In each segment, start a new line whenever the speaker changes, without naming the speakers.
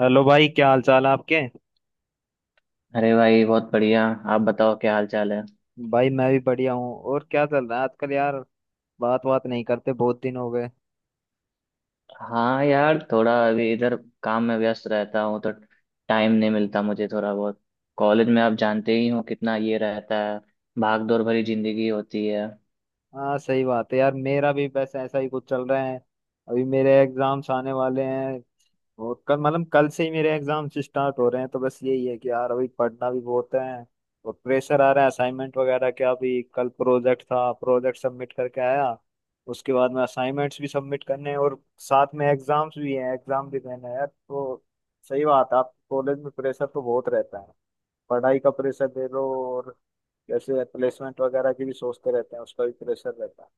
Hello भाई, क्या हाल चाल है आपके।
अरे भाई बहुत बढ़िया। आप बताओ क्या हाल चाल है।
भाई मैं भी बढ़िया हूँ। और क्या चल रहा है आजकल यार। बात बात नहीं करते, बहुत दिन हो गए।
हाँ यार थोड़ा अभी इधर काम में व्यस्त रहता हूँ तो टाइम नहीं मिलता मुझे थोड़ा बहुत। कॉलेज में आप जानते ही हो कितना ये रहता है। भाग दौड़ भरी जिंदगी होती है।
हाँ सही बात है यार, मेरा भी बस ऐसा ही कुछ चल रहा है। अभी मेरे एग्जाम्स आने वाले हैं। और कल, मतलब कल से ही मेरे एग्जाम्स स्टार्ट हो रहे हैं, तो बस यही है कि यार अभी पढ़ना भी बहुत है। और प्रेशर आ रहा है असाइनमेंट वगैरह का। अभी कल प्रोजेक्ट था, प्रोजेक्ट सबमिट करके आया। उसके बाद में असाइनमेंट्स भी सबमिट करने हैं, और साथ में एग्जाम्स भी हैं, एग्जाम भी देना है यार। तो सही बात है, आप कॉलेज में प्रेशर तो बहुत रहता है। पढ़ाई का प्रेशर दे लो। और जैसे प्लेसमेंट वगैरह की भी सोचते रहते हैं, उसका भी प्रेशर रहता है।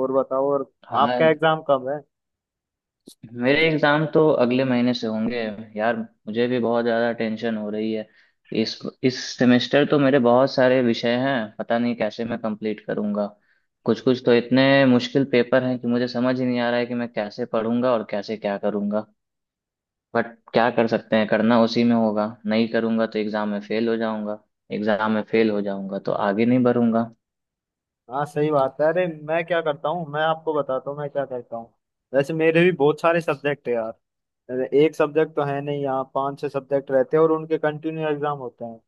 और बताओ और।
हाँ।
आपका एग्जाम कब है।
मेरे एग्जाम तो अगले महीने से होंगे यार। मुझे भी बहुत ज़्यादा टेंशन हो रही है। इस सेमेस्टर तो मेरे बहुत सारे विषय हैं, पता नहीं कैसे मैं कंप्लीट करूँगा। कुछ कुछ तो इतने मुश्किल पेपर हैं कि मुझे समझ ही नहीं आ रहा है कि मैं कैसे पढ़ूंगा और कैसे क्या करूँगा। बट क्या कर सकते हैं, करना उसी में होगा, नहीं करूँगा तो एग्ज़ाम में फेल हो जाऊँगा। एग्ज़ाम में फेल हो जाऊँगा तो आगे नहीं बढ़ूँगा।
हाँ सही बात है। अरे मैं क्या करता हूँ, मैं आपको बताता हूँ मैं क्या करता हूँ। वैसे मेरे भी बहुत सारे सब्जेक्ट है यार। एक सब्जेक्ट तो है नहीं, यहाँ पांच छह सब्जेक्ट रहते हैं और उनके कंटिन्यू एग्जाम होते हैं।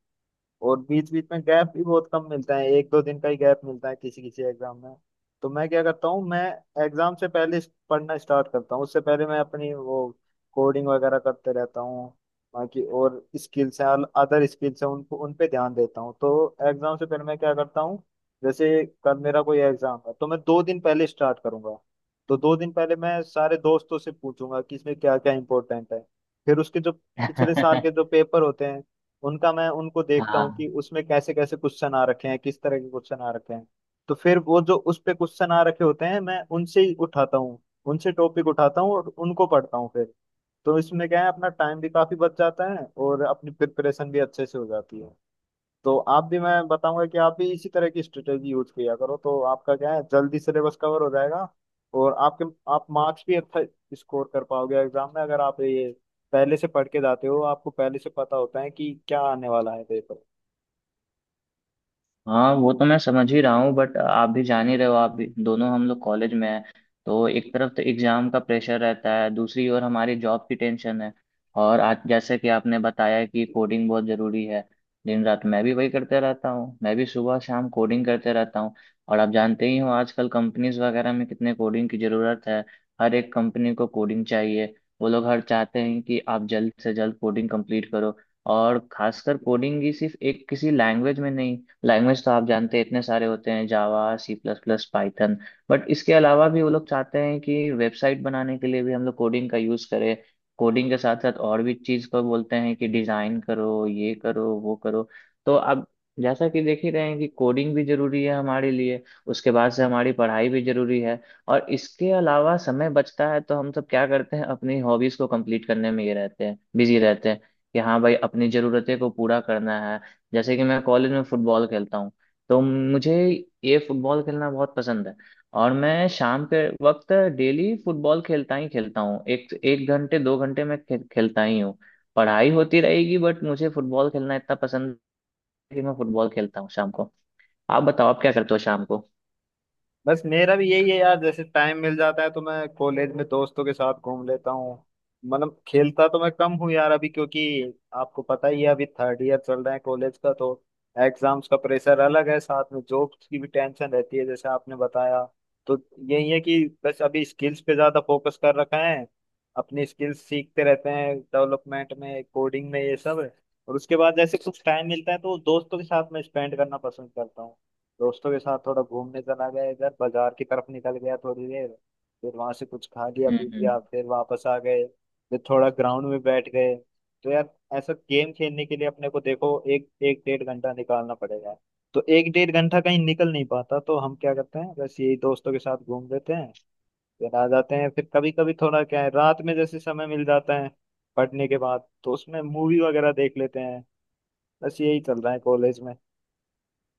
और बीच बीच में गैप भी बहुत कम मिलता है, एक दो दिन का ही गैप मिलता है किसी किसी एग्जाम में। तो मैं क्या करता हूँ, मैं एग्जाम से पहले पढ़ना स्टार्ट करता हूँ। उससे पहले मैं अपनी वो कोडिंग वगैरह करते रहता हूँ। बाकी और स्किल्स हैं, अदर स्किल्स हैं, उनको उन पे ध्यान देता हूँ। तो एग्जाम से पहले मैं क्या करता हूँ, जैसे कल मेरा कोई एग्जाम है तो मैं दो दिन पहले स्टार्ट करूंगा। तो दो दिन पहले मैं सारे दोस्तों से पूछूंगा कि इसमें क्या क्या इंपॉर्टेंट है। फिर उसके जो पिछले साल के जो पेपर होते हैं, उनका मैं उनको देखता हूँ कि
हाँ।
उसमें कैसे कैसे क्वेश्चन आ रखे हैं, किस तरह के क्वेश्चन आ रखे हैं। तो फिर वो जो उस पे क्वेश्चन आ रखे होते हैं, मैं उनसे ही उठाता हूँ, उनसे टॉपिक उठाता हूँ और उनको पढ़ता हूँ फिर। तो इसमें क्या है, अपना टाइम भी काफी बच जाता है और अपनी प्रिपरेशन भी अच्छे से हो जाती है। तो आप भी, मैं बताऊंगा कि आप भी इसी तरह की स्ट्रेटेजी यूज किया करो, तो आपका क्या है, जल्दी सिलेबस कवर हो जाएगा। और आपके, आप मार्क्स भी अच्छा स्कोर कर पाओगे एग्जाम में, अगर आप ये पहले से पढ़ के जाते हो, आपको पहले से पता होता है कि क्या आने वाला है पेपर।
हाँ वो तो मैं समझ ही रहा हूँ, बट आप भी जान ही रहे हो, आप भी दोनों हम लोग कॉलेज में हैं। तो एक तरफ तो एग्जाम का प्रेशर रहता है, दूसरी ओर हमारी जॉब की टेंशन है। और आज जैसे कि आपने बताया कि कोडिंग बहुत जरूरी है। दिन रात मैं भी वही करते रहता हूँ, मैं भी सुबह शाम कोडिंग करते रहता हूँ। और आप जानते ही हो आजकल कंपनीज वगैरह में कितने कोडिंग की जरूरत है। हर एक कंपनी को कोडिंग चाहिए। वो लोग हर चाहते हैं कि आप जल्द से जल्द कोडिंग कंप्लीट करो। और खासकर कोडिंग ही सिर्फ एक किसी लैंग्वेज में नहीं, लैंग्वेज तो आप जानते हैं इतने सारे होते हैं, Java, C plus plus, Python. But इसके अलावा भी वो लोग चाहते हैं कि वेबसाइट बनाने के लिए भी हम लोग कोडिंग का यूज़ करें। कोडिंग के साथ साथ और भी चीज़ को बोलते हैं कि डिज़ाइन करो, ये करो वो करो। तो अब जैसा कि देख ही रहे हैं कि कोडिंग भी ज़रूरी है हमारे लिए। उसके बाद से हमारी पढ़ाई भी ज़रूरी है। और इसके अलावा समय बचता है तो हम सब क्या करते हैं, अपनी हॉबीज़ को कंप्लीट करने में ये रहते हैं, बिजी रहते हैं। कि हाँ भाई अपनी ज़रूरतें को पूरा करना है। जैसे कि मैं कॉलेज में फुटबॉल खेलता हूँ। तो मुझे ये फुटबॉल खेलना बहुत पसंद है। और मैं शाम के वक्त डेली फुटबॉल खेलता ही खेलता हूँ, एक एक घंटे 2 घंटे मैं खेलता ही हूँ। पढ़ाई होती रहेगी बट मुझे फुटबॉल खेलना इतना पसंद है कि मैं फुटबॉल खेलता हूँ शाम को। आप बताओ आप क्या करते हो शाम को।
बस मेरा भी यही है यार, जैसे टाइम मिल जाता है तो मैं कॉलेज में दोस्तों के साथ घूम लेता हूँ। मतलब खेलता तो मैं कम हूँ यार अभी, क्योंकि आपको पता ही है अभी थर्ड ईयर चल रहा है कॉलेज का, तो एग्जाम्स का प्रेशर अलग है, साथ में जॉब की भी टेंशन रहती है जैसे आपने बताया। तो यही है कि बस अभी स्किल्स पे ज्यादा फोकस कर रखा है। अपनी स्किल्स सीखते रहते हैं, डेवलपमेंट में, कोडिंग में, ये सब। और उसके बाद जैसे कुछ टाइम मिलता है तो दोस्तों के साथ मैं स्पेंड करना पसंद करता हूँ। दोस्तों के साथ थोड़ा घूमने चला गया, इधर बाजार की तरफ निकल गया थोड़ी देर। फिर वहां से कुछ खा लिया पी
हम्म।
लिया, फिर वापस आ गए। फिर थोड़ा ग्राउंड में बैठ गए। तो यार ऐसा गेम खेलने के लिए अपने को देखो एक एक डेढ़ घंटा निकालना पड़ेगा। तो एक डेढ़ घंटा कहीं निकल नहीं पाता, तो हम क्या करते हैं, बस यही दोस्तों के साथ घूम लेते हैं, फिर आ जाते हैं। फिर कभी कभी थोड़ा क्या है, रात में जैसे समय मिल जाता है पढ़ने के बाद तो उसमें मूवी वगैरह देख लेते हैं। बस यही चल रहा है कॉलेज में।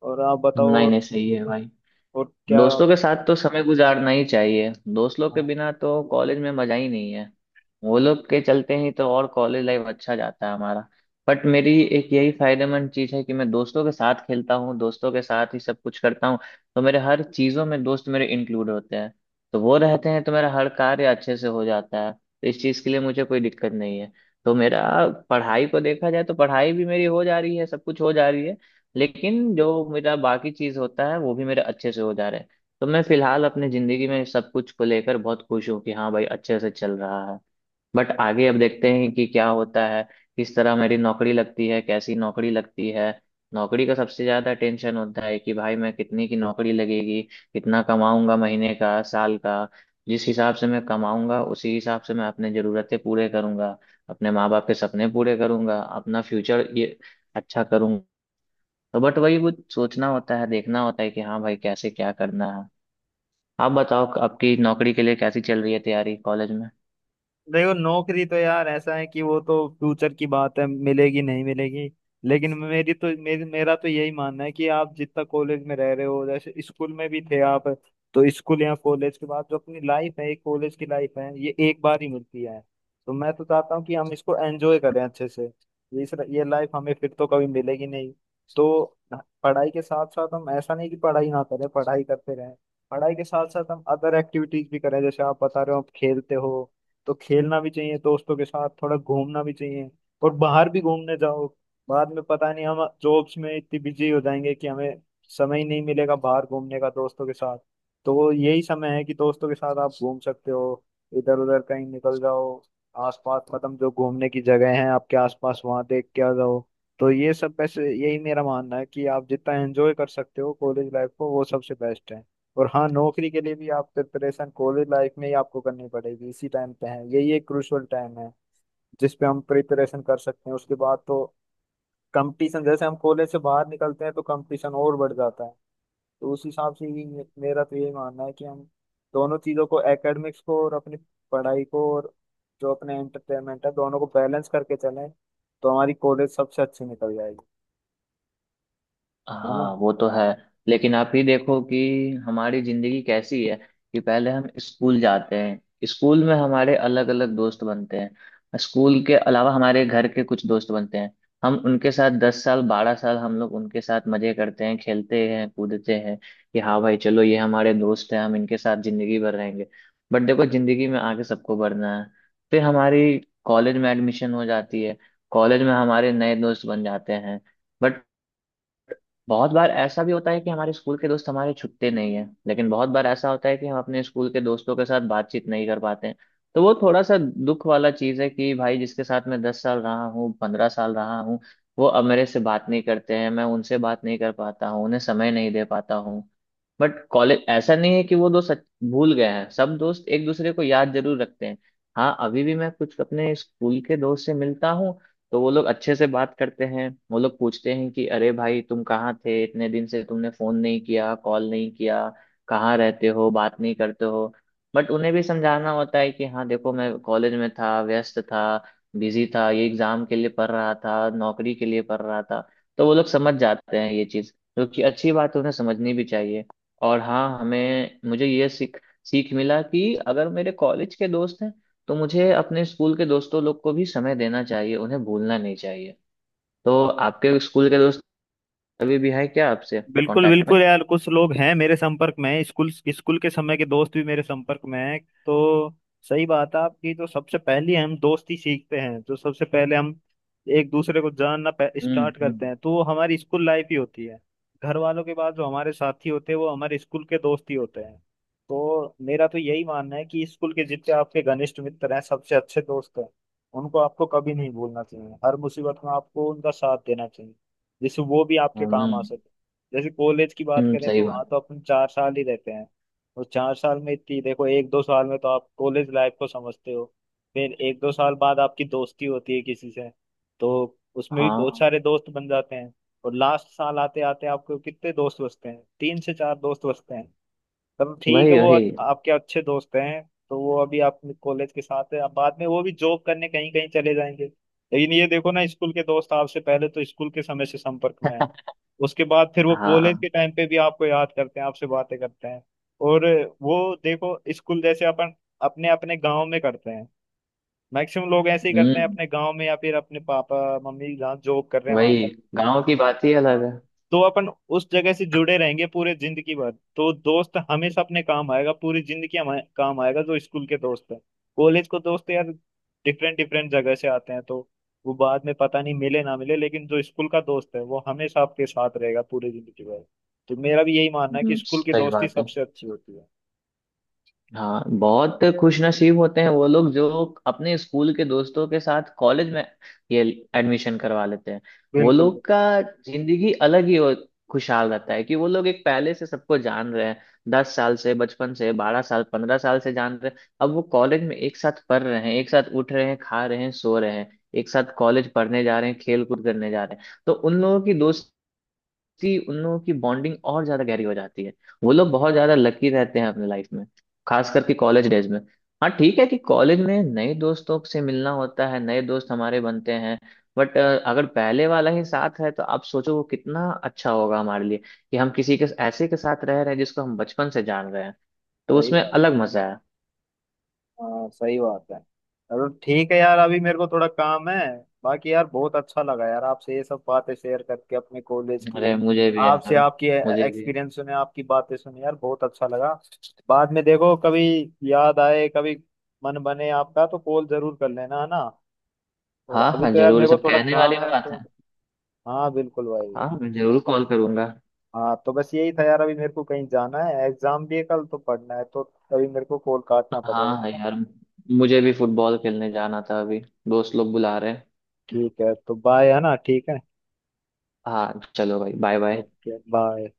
और आप
हम्म।
बताओ
नहीं नहीं सही है भाई।
और क्या।
दोस्तों के साथ तो समय गुजारना ही चाहिए, दोस्त लोग के
हाँ
बिना तो कॉलेज में मजा ही नहीं है। वो लोग के चलते ही तो और कॉलेज लाइफ अच्छा जाता है हमारा। बट मेरी एक यही फायदेमंद चीज है कि मैं दोस्तों के साथ खेलता हूँ, दोस्तों के साथ ही सब कुछ करता हूँ। तो मेरे हर चीजों में दोस्त मेरे इंक्लूड होते हैं। तो वो रहते हैं तो मेरा हर कार्य अच्छे से हो जाता है, तो इस चीज के लिए मुझे कोई दिक्कत नहीं है। तो मेरा पढ़ाई को देखा जाए तो पढ़ाई भी मेरी हो जा रही है, सब कुछ हो जा रही है। लेकिन जो मेरा बाकी चीज होता है वो भी मेरे अच्छे से हो जा रहे हैं। तो मैं फिलहाल अपनी जिंदगी में सब कुछ को लेकर बहुत खुश हूँ कि हाँ भाई अच्छे से चल रहा है। बट आगे अब देखते हैं कि क्या होता है, किस तरह मेरी नौकरी लगती है, कैसी नौकरी लगती है। नौकरी का सबसे ज्यादा टेंशन होता है कि भाई मैं कितनी की नौकरी लगेगी, कितना कमाऊंगा महीने का साल का। जिस हिसाब से मैं कमाऊंगा उसी हिसाब से मैं अपने जरूरतें पूरे करूंगा, अपने माँ बाप के सपने पूरे करूंगा, अपना फ्यूचर ये अच्छा करूंगा। तो बट वही वो सोचना होता है, देखना होता है कि हाँ भाई कैसे क्या करना है। आप बताओ आपकी नौकरी के लिए कैसी चल रही है तैयारी कॉलेज में।
देखो नौकरी तो यार ऐसा है कि वो तो फ्यूचर की बात है, मिलेगी नहीं मिलेगी। लेकिन मेरी तो मेरी मेरा तो यही मानना है कि आप जितना कॉलेज में रह रहे हो, जैसे स्कूल में भी थे आप, तो स्कूल या कॉलेज के बाद जो अपनी लाइफ है, कॉलेज की लाइफ है, ये एक बार ही मिलती है। तो मैं तो चाहता हूँ कि हम इसको एंजॉय करें अच्छे से। ये इस ये लाइफ हमें फिर तो कभी मिलेगी नहीं। तो पढ़ाई के साथ साथ हम ऐसा नहीं कि पढ़ाई ना करें, पढ़ाई करते रहें। पढ़ाई के साथ साथ हम अदर एक्टिविटीज भी करें, जैसे आप बता रहे हो आप खेलते हो। तो खेलना भी चाहिए, दोस्तों के साथ थोड़ा घूमना भी चाहिए। और बाहर भी घूमने जाओ। बाद में पता नहीं हम जॉब्स में इतनी बिजी हो जाएंगे कि हमें समय ही नहीं मिलेगा बाहर घूमने का दोस्तों के साथ। तो वो यही समय है कि दोस्तों के साथ आप घूम सकते हो, इधर उधर कहीं निकल जाओ, आसपास, मतलब जो घूमने की जगह है आपके आसपास, वहां देख के आ जाओ। तो ये सब, वैसे यही मेरा मानना है कि आप जितना एंजॉय कर सकते हो कॉलेज लाइफ को, वो सबसे बेस्ट है। और हाँ, नौकरी के लिए भी आप प्रिपरेशन कॉलेज लाइफ में ही आपको करनी पड़ेगी, इसी टाइम पे है, यही एक क्रूशियल टाइम है जिस पे हम प्रिपरेशन कर सकते हैं। उसके बाद तो कंपटीशन, जैसे हम कॉलेज से बाहर निकलते हैं तो कंपटीशन और बढ़ जाता है। तो उस हिसाब से ही मेरा तो यही मानना है कि हम दोनों चीज़ों को, एकेडमिक्स को और अपनी पढ़ाई को, और जो अपने एंटरटेनमेंट है, दोनों को बैलेंस करके चलें, तो हमारी कॉलेज सबसे अच्छी निकल जाएगी। है ना।
हाँ वो तो है। लेकिन आप ही देखो कि हमारी जिंदगी कैसी है। कि पहले हम स्कूल जाते हैं, स्कूल में हमारे अलग अलग दोस्त बनते हैं, स्कूल के अलावा हमारे घर के कुछ दोस्त बनते हैं। हम उनके साथ 10 साल 12 साल हम लोग उनके साथ मजे करते हैं, खेलते हैं, कूदते हैं। कि हाँ भाई चलो ये हमारे दोस्त हैं, हम इनके साथ जिंदगी भर रहेंगे। बट देखो जिंदगी में आगे सबको बढ़ना है। फिर हमारी कॉलेज में एडमिशन हो जाती है, कॉलेज में हमारे नए दोस्त बन जाते हैं। बहुत बार ऐसा भी होता है कि हमारे स्कूल के दोस्त हमारे छुट्टे नहीं है, लेकिन बहुत बार ऐसा होता है कि हम अपने स्कूल के दोस्तों के साथ बातचीत नहीं कर पाते हैं। तो वो थोड़ा सा दुख वाला चीज़ है कि भाई जिसके साथ मैं 10 साल रहा हूँ, 15 साल रहा हूँ, वो अब मेरे से बात नहीं करते हैं, मैं उनसे बात नहीं कर पाता हूँ, उन्हें समय नहीं दे पाता हूँ। बट कॉलेज ऐसा नहीं है कि वो दोस्त भूल गए हैं, सब दोस्त एक दूसरे को याद जरूर रखते हैं। हाँ अभी भी मैं कुछ अपने स्कूल के दोस्त से मिलता हूँ तो वो लोग अच्छे से बात करते हैं, वो लोग पूछते हैं कि अरे भाई तुम कहाँ थे, इतने दिन से तुमने फोन नहीं किया कॉल नहीं किया, कहाँ रहते हो बात नहीं करते हो। बट उन्हें भी समझाना होता है कि हाँ देखो मैं कॉलेज में था, व्यस्त था, बिजी था, ये एग्जाम के लिए पढ़ रहा था, नौकरी के लिए पढ़ रहा था। तो वो लोग समझ जाते हैं ये चीज़, जो कि अच्छी बात है, उन्हें समझनी भी चाहिए। और हाँ हमें मुझे ये सीख सीख मिला कि अगर मेरे कॉलेज के दोस्त हैं तो मुझे अपने स्कूल के दोस्तों लोग को भी समय देना चाहिए, उन्हें भूलना नहीं चाहिए। तो आपके स्कूल के दोस्त अभी भी हैं क्या आपसे
बिल्कुल
कांटेक्ट में।
बिल्कुल यार, कुछ लोग हैं मेरे संपर्क में, स्कूल स्कूल के समय के दोस्त भी मेरे संपर्क में हैं। तो सही बात है आपकी, तो सबसे पहले हम दोस्ती सीखते हैं तो सबसे पहले हम एक दूसरे को जानना
हम्म।
स्टार्ट करते
हम्म।
हैं, तो वो हमारी स्कूल लाइफ ही होती है। घर वालों के बाद जो हमारे साथी होते हैं वो हमारे स्कूल के दोस्त ही होते हैं। तो मेरा तो यही मानना है कि स्कूल के जितने आपके घनिष्ठ मित्र हैं, सबसे अच्छे दोस्त हैं, उनको आपको कभी नहीं भूलना चाहिए। हर मुसीबत में आपको उनका साथ देना चाहिए, जिससे वो भी आपके
हम्म।
काम आ सके। जैसे कॉलेज की बात करें
सही
तो वहाँ
बात।
तो अपन चार साल ही रहते हैं, और चार साल में इतनी, देखो एक दो साल में तो आप कॉलेज लाइफ को समझते हो, फिर एक दो साल बाद आपकी दोस्ती होती है किसी से, तो उसमें भी बहुत
हाँ।
सारे दोस्त बन जाते हैं। और लास्ट साल आते आते आपको कितने दोस्त बचते हैं, तीन से चार दोस्त बचते हैं, तब ठीक है,
वही
वो
वही।
आपके अच्छे दोस्त हैं। तो वो अभी आप कॉलेज के साथ है, अब बाद में वो भी जॉब करने कहीं कहीं चले जाएंगे, लेकिन ये देखो ना, स्कूल के दोस्त आपसे पहले तो स्कूल के समय से संपर्क में है, उसके बाद फिर वो कॉलेज
हाँ।
के टाइम पे भी आपको याद करते हैं, आपसे बातें करते हैं। और वो, देखो स्कूल जैसे अपन अपने अपने गांव में करते हैं, मैक्सिमम लोग ऐसे ही करते हैं
हम्म।
अपने गांव में, या फिर अपने पापा मम्मी जहाँ जॉब कर रहे हैं वहां।
वही गांव की बात ही अलग
हाँ।
है।
तो अपन उस जगह से जुड़े रहेंगे पूरे जिंदगी भर, तो दोस्त हमेशा अपने काम आएगा, पूरी जिंदगी हमारे काम आएगा, जो स्कूल के दोस्त है। कॉलेज को दोस्त यार डिफरेंट डिफरेंट जगह से आते हैं, तो वो बाद में पता नहीं मिले ना मिले, लेकिन जो स्कूल का दोस्त है वो हमेशा आपके साथ रहेगा पूरी जिंदगी भर। तो मेरा भी यही मानना है कि स्कूल की
सही
दोस्ती
बात है।
सबसे अच्छी होती है।
हाँ बहुत खुशनसीब होते हैं वो लोग जो अपने स्कूल के दोस्तों के साथ कॉलेज में ये एडमिशन करवा लेते हैं। वो
बिल्कुल
लोग का जिंदगी अलग ही खुशहाल रहता है कि वो लोग एक पहले से सबको जान रहे हैं। 10 साल से बचपन से, 12 साल 15 साल से जान रहे हैं, अब वो कॉलेज में एक साथ पढ़ रहे हैं, एक साथ उठ रहे हैं, खा रहे हैं, सो रहे हैं, एक साथ कॉलेज पढ़ने जा रहे हैं, खेल कूद करने जा रहे हैं, तो उन लोगों की दोस्ती कि उन लोगों की बॉन्डिंग और ज्यादा गहरी हो जाती है। वो लोग बहुत ज्यादा लकी रहते हैं अपने लाइफ में, खास करके कॉलेज डेज में। हाँ ठीक है कि कॉलेज में नए दोस्तों से मिलना होता है, नए दोस्त हमारे बनते हैं। बट अगर पहले वाला ही साथ है तो आप सोचो वो कितना अच्छा होगा हमारे लिए। कि हम किसी के ऐसे के साथ रह रहे हैं जिसको हम बचपन से जान रहे हैं, तो
सही
उसमें
बात।
अलग मजा है।
हाँ सही बात है। चलो ठीक है यार, अभी मेरे को थोड़ा काम है। बाकी यार बहुत अच्छा लगा यार आपसे ये सब बातें शेयर करके, अपने कॉलेज की,
अरे मुझे भी
आपसे,
यार।
आपकी
मुझे भी।
एक्सपीरियंस सुने, आपकी बातें सुने, यार बहुत अच्छा लगा। बाद में देखो कभी याद आए, कभी मन बने आपका तो कॉल जरूर कर लेना, है ना। और
हाँ
अभी
हाँ
तो यार
जरूर, ये
मेरे को
सब
थोड़ा
कहने वाली
काम है
बात
तो।
है।
हाँ बिल्कुल भाई।
हाँ मैं जरूर कॉल करूंगा।
हाँ तो बस यही था यार, अभी मेरे को कहीं जाना है, एग्जाम भी है कल तो पढ़ना है, तो अभी मेरे को कॉल काटना
हाँ
पड़ेगा, है
हाँ
ना।
यार। मुझे भी फुटबॉल खेलने जाना था अभी, दोस्त लोग बुला रहे हैं।
ठीक है तो बाय, है ना, ठीक है।
हाँ चलो भाई बाय बाय।
Okay bye.